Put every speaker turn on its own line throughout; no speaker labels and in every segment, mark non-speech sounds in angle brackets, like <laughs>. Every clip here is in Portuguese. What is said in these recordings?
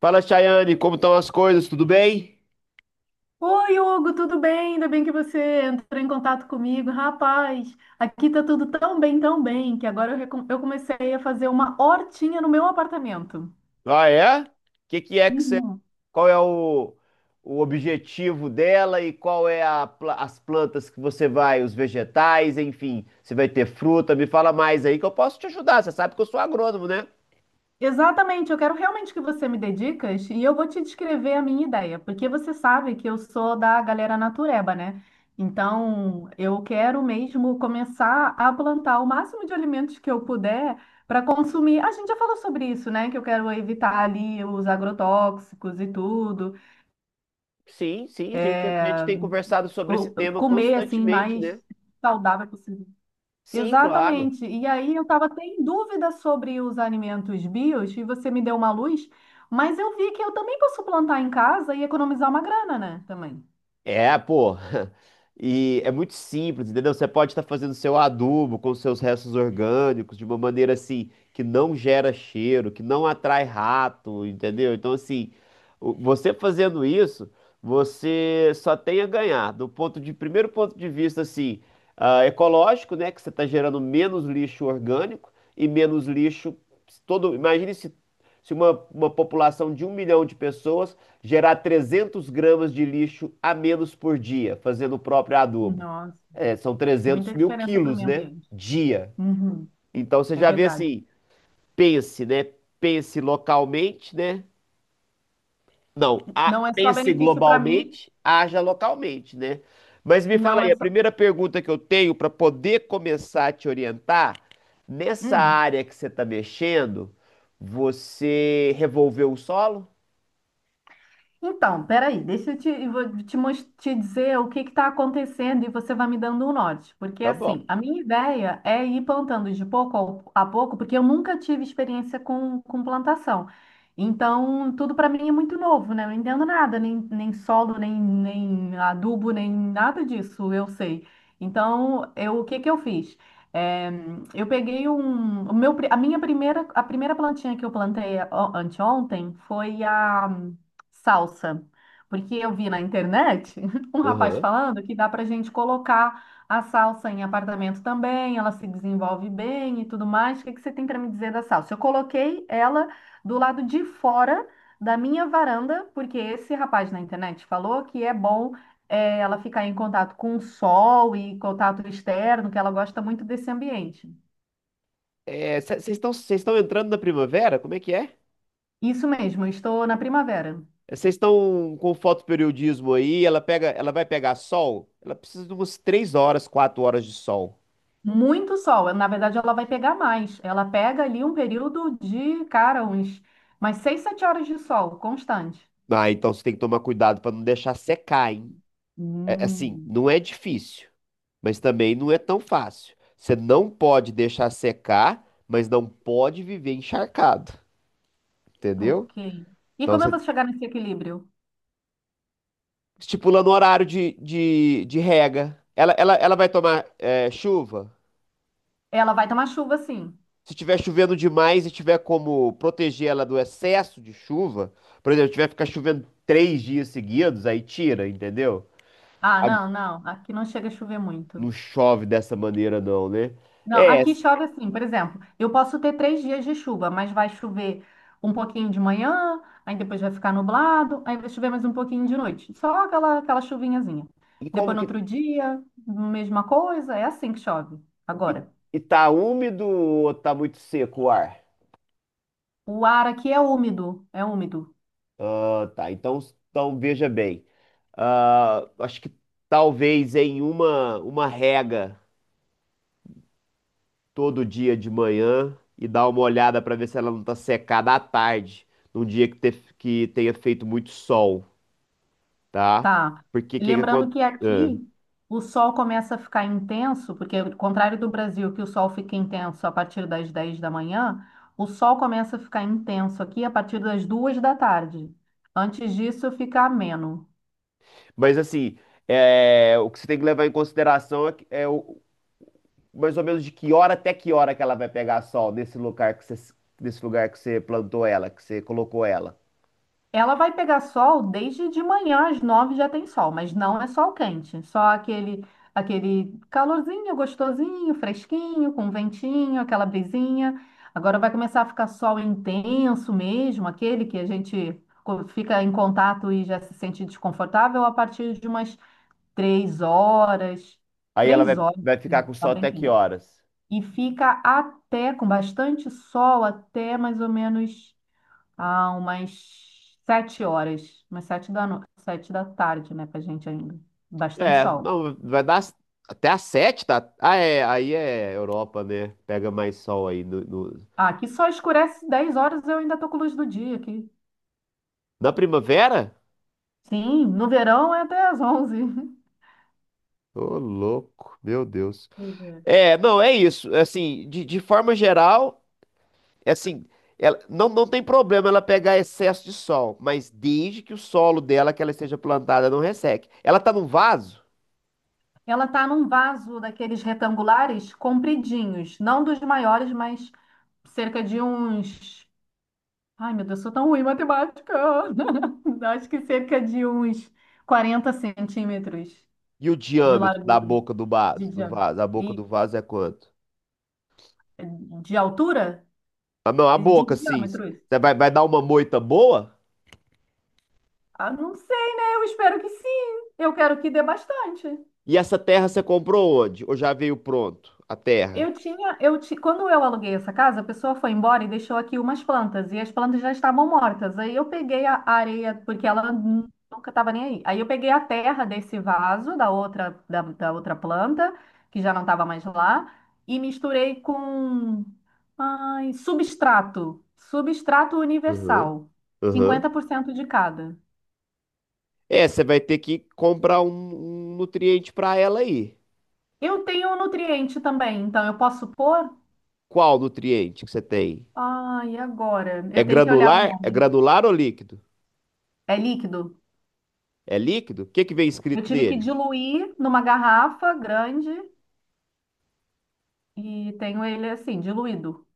Fala, Chayane, como estão as coisas? Tudo bem?
Oi, Hugo, tudo bem? Ainda bem que você entrou em contato comigo. Rapaz, aqui tá tudo tão bem, que agora eu comecei a fazer uma hortinha no meu apartamento.
Ah, é? O que que é que você.
Uhum.
Qual é o objetivo dela e qual é as plantas que você vai, os vegetais, enfim, você vai ter fruta? Me fala mais aí que eu posso te ajudar. Você sabe que eu sou agrônomo, né?
Exatamente, eu quero realmente que você me dê dicas e eu vou te descrever a minha ideia, porque você sabe que eu sou da galera natureba, né? Então, eu quero mesmo começar a plantar o máximo de alimentos que eu puder para consumir. A gente já falou sobre isso, né? Que eu quero evitar ali os agrotóxicos e tudo.
Sim, sim, a gente tem conversado sobre esse
co-
tema
comer assim
constantemente,
mais
né?
saudável possível.
Sim, claro.
Exatamente. E aí eu estava até em dúvida sobre os alimentos bios e você me deu uma luz, mas eu vi que eu também posso plantar em casa e economizar uma grana, né? Também.
É, pô. <laughs> E é muito simples, entendeu? Você pode estar fazendo seu adubo com seus restos orgânicos de uma maneira assim que não gera cheiro, que não atrai rato, entendeu? Então, assim, você fazendo isso, você só tem a ganhar. Do ponto de primeiro ponto de vista, assim, ecológico, né? Que você está gerando menos lixo orgânico e menos lixo todo. Imagine se uma população de 1 milhão de pessoas gerar 300 gramas de lixo a menos por dia, fazendo o próprio adubo.
Nossa,
É, são 300
muita
mil
diferença para o
quilos,
meio
né?
ambiente.
Dia.
Uhum,
Então você
é
já vê
verdade.
assim, pense, né? Pense localmente, né? Não,
Não é só
pense
benefício para mim,
globalmente, haja localmente, né? Mas me fala
não
aí,
é
a
só.
primeira pergunta que eu tenho para poder começar a te orientar, nessa
Hum.
área que você está mexendo, você revolveu o solo?
Então, peraí, deixa eu te, eu vou te dizer o que está acontecendo e você vai me dando um norte. Porque,
Tá bom.
assim, a minha ideia é ir plantando de pouco a pouco, porque eu nunca tive experiência com plantação. Então, tudo para mim é muito novo, né? Eu não entendo nada, nem solo, nem adubo, nem nada disso, eu sei. Então, eu, o que que eu fiz? É, eu peguei um, o meu, a primeira plantinha que eu plantei ó, anteontem foi a salsa. Porque eu vi na internet <laughs> um rapaz
Aham.
falando que dá para gente colocar a salsa em apartamento também, ela se desenvolve bem e tudo mais. O que que você tem para me dizer da salsa? Eu coloquei ela do lado de fora da minha varanda, porque esse rapaz na internet falou que é bom ela ficar em contato com o sol e contato externo, que ela gosta muito desse ambiente.
É, vocês estão entrando na primavera? Como é que é?
Isso mesmo, eu estou na primavera.
Vocês estão com fotoperiodismo aí? Ela vai pegar sol? Ela precisa de umas 3 horas, 4 horas de sol.
Muito sol. Na verdade, ela vai pegar mais. Ela pega ali um período de, cara, uns mais 6, 7 horas de sol constante.
Ah, então você tem que tomar cuidado para não deixar secar, hein? É, assim,
Hum.
não é difícil, mas também não é tão fácil. Você não pode deixar secar, mas não pode viver encharcado, entendeu?
Ok. E
Então
como eu
você
vou chegar nesse equilíbrio?
estipulando o horário de rega. Ela vai tomar chuva?
Ela vai tomar chuva, sim.
Se tiver chovendo demais e tiver como proteger ela do excesso de chuva, por exemplo, tiver que ficar chovendo 3 dias seguidos, aí tira, entendeu?
Ah,
Ah,
não, não. Aqui não chega a chover muito.
não chove dessa maneira, não, né?
Não,
É,
aqui chove assim, por exemplo, eu posso ter 3 dias de chuva, mas vai chover um pouquinho de manhã, aí depois vai ficar nublado, aí vai chover mais um pouquinho de noite. Só aquela chuvinhazinha.
e
Depois
como
no
que.
outro dia, mesma coisa, é assim que chove.
E,
Agora,
e tá úmido ou tá muito seco o ar?
o ar aqui é úmido, é úmido.
Ah, tá. Então veja bem. Ah, acho que talvez em uma rega. Todo dia de manhã e dar uma olhada para ver se ela não tá secada à tarde, num dia que tenha feito muito sol, tá?
Tá.
Porque que
Lembrando
acon-
que
é.
aqui o sol começa a ficar intenso, porque ao contrário do Brasil, que o sol fica intenso a partir das 10 da manhã, o sol começa a ficar intenso aqui a partir das 2 da tarde. Antes disso, fica ameno.
Mas assim, o que você tem que levar em consideração é, mais ou menos de que hora até que hora que ela vai pegar sol nesse lugar que você, plantou ela, que você colocou ela.
Ela vai pegar sol desde de manhã às 9 já tem sol, mas não é sol quente, só aquele calorzinho gostosinho, fresquinho, com ventinho, aquela brisinha. Agora vai começar a ficar sol intenso mesmo, aquele que a gente fica em contato e já se sente desconfortável a partir de umas 3 horas,
Aí ela
três
vai,
horas,
vai ficar
sim,
com
tá
sol
bem
até que
quente.
horas?
E fica até com bastante sol até mais ou menos há umas 7 horas, umas sete da no... 7 da tarde, né, pra gente ainda. Bastante
É,
sol.
não, vai dar até às sete, tá? Ah, é, aí é Europa, né? Pega mais sol aí
Ah, aqui só escurece 10 horas, eu ainda tô com luz do dia aqui.
na primavera?
Sim, no verão é até às 11.
Ô, louco, meu Deus.
Pois é.
É, não, é isso. Assim, de forma geral, é assim, ela, não, não tem problema ela pegar excesso de sol, mas desde que o solo dela, que ela esteja plantada, não resseque. Ela tá num vaso?
Ela tá num vaso daqueles retangulares compridinhos, não dos maiores, mas cerca de uns. Ai, meu Deus, sou tão ruim em matemática. <laughs> Acho que cerca de uns 40 centímetros
E o
de
diâmetro da
largura,
boca do
de
vaso,
diâmetro.
a boca do vaso é quanto?
De altura?
Ah, não, a
De
boca, sim.
diâmetros?
Você vai dar uma moita boa?
Ah, não sei, né? Eu espero que sim. Eu quero que dê bastante.
E essa terra você comprou onde? Ou já veio pronto a terra?
Eu tinha, eu ti- quando eu aluguei essa casa, a pessoa foi embora e deixou aqui umas plantas, e as plantas já estavam mortas. Aí eu peguei a areia, porque ela nunca estava nem aí. Aí eu peguei a terra desse vaso, da outra planta, que já não estava mais lá, e misturei com, ai, substrato, substrato
Aham,
universal,
aham.
50% de cada.
É, você vai ter que comprar um nutriente para ela aí.
Eu tenho um nutriente também, então eu posso pôr?
Qual nutriente que você tem?
Ah, e agora?
É
Eu tenho que olhar o
granular? É
nome.
granular ou líquido?
É líquido?
É líquido? O que que vem
Eu
escrito
tive que
nele?
diluir numa garrafa grande e tenho ele assim, diluído.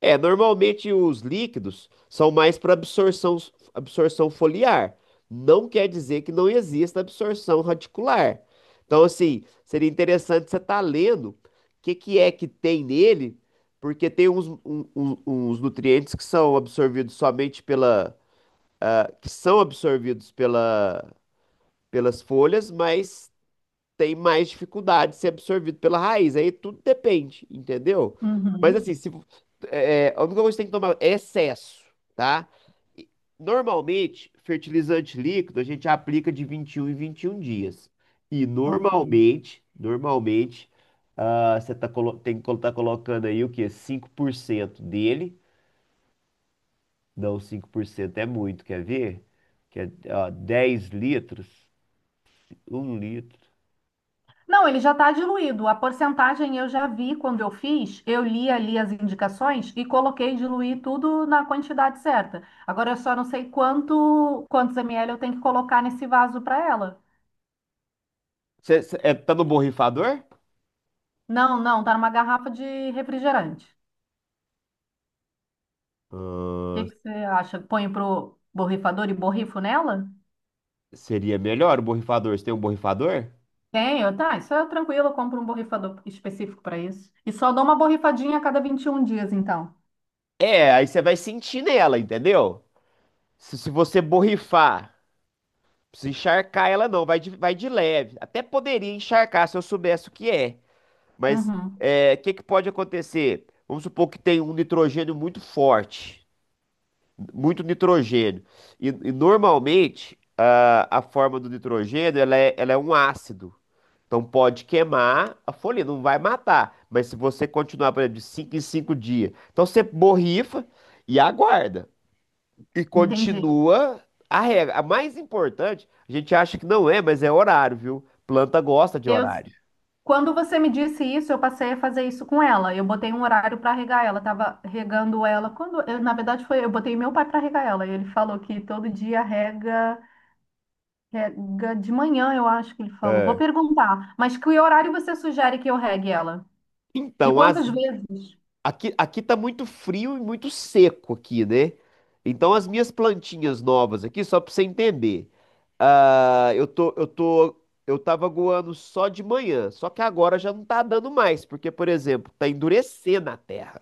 É, normalmente os líquidos são mais para absorção foliar. Não quer dizer que não exista absorção radicular. Então, assim, seria interessante você estar lendo o que que é que tem nele, porque tem uns nutrientes que são absorvidos pelas folhas, mas tem mais dificuldade de ser absorvido pela raiz. Aí tudo depende, entendeu? Mas
Uhum,
assim, se, é, é, a única coisa que você tem que tomar é excesso, tá? E, normalmente, fertilizante líquido a gente aplica de 21 em 21 dias. E
ok.
normalmente, tem que estar colocando aí o quê? 5% dele. Não, 5% é muito, quer ver? Que é, ó, 10 litros, 1 litro.
Não, ele já está diluído. A porcentagem eu já vi quando eu fiz, eu li ali as indicações e coloquei diluir tudo na quantidade certa. Agora eu só não sei quantos ml eu tenho que colocar nesse vaso para ela.
Tá no borrifador?
Não, não, tá numa garrafa de refrigerante. O que
Ah,
que você acha? Põe pro borrifador e borrifo nela?
seria melhor o borrifador. Você tem um borrifador?
Tenho, tá, isso é tranquilo, eu compro um borrifador específico para isso. E só dou uma borrifadinha a cada 21 dias, então.
É, aí você vai sentir nela, entendeu? Se você borrifar, não precisa encharcar ela não, vai de leve. Até poderia encharcar se eu soubesse o que é. Mas
Uhum,
o que, que pode acontecer? Vamos supor que tem um nitrogênio muito forte. Muito nitrogênio. E normalmente, a forma do nitrogênio, ela é um ácido. Então pode queimar a folha, não vai matar. Mas se você continuar, por exemplo, de 5 em 5 dias, então você borrifa e aguarda. E
entendi.
continua a regra. A mais importante, a gente acha que não é, mas é horário, viu? Planta gosta de
Eu,
horário.
quando você me disse isso, eu passei a fazer isso com ela. Eu botei um horário para regar ela, tava regando ela. Quando, eu, na verdade, foi, eu botei meu pai para regar ela. E ele falou que todo dia rega, rega de manhã, eu acho que ele falou. Vou
É.
perguntar, mas que horário você sugere que eu regue ela? E
Então, as.
quantas vezes?
Aqui tá muito frio e muito seco aqui, né? Então as minhas plantinhas novas aqui, só pra você entender. ah, eu tô, eu tô, eu tava aguando só de manhã, só que agora já não tá dando mais, porque, por exemplo, tá endurecendo a terra.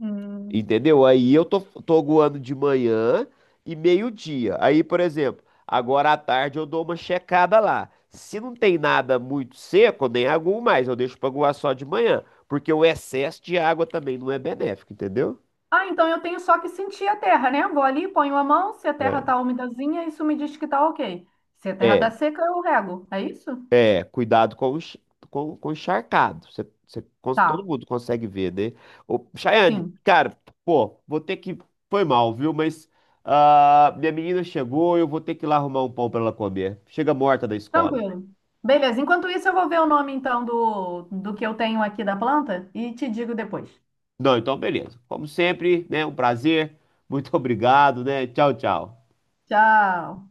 Hum.
Entendeu? Aí eu tô goando de manhã e meio-dia. Aí, por exemplo, agora à tarde eu dou uma checada lá. Se não tem nada muito seco, nem aguo mais, eu deixo pra aguar só de manhã. Porque o excesso de água também não é benéfico, entendeu?
Ah, então eu tenho só que sentir a terra, né? Vou ali, ponho a mão, se a terra
É.
tá umidazinha, isso me diz que tá ok. Se a terra tá
É.
seca, eu rego. É isso?
É, cuidado com com o encharcado. Todo
Tá.
mundo consegue ver, né? Ô, Chayane,
Sim.
cara, pô, vou ter que. Foi mal, viu? Mas minha menina chegou, eu vou ter que ir lá arrumar um pão pra ela comer. Chega morta da escola.
Tranquilo. Beleza. Enquanto isso, eu vou ver o nome então do que eu tenho aqui da planta e te digo depois.
Não, então beleza. Como sempre, né? Um prazer. Muito <laughs> obrigado, né? Tchau, tchau.
Tchau.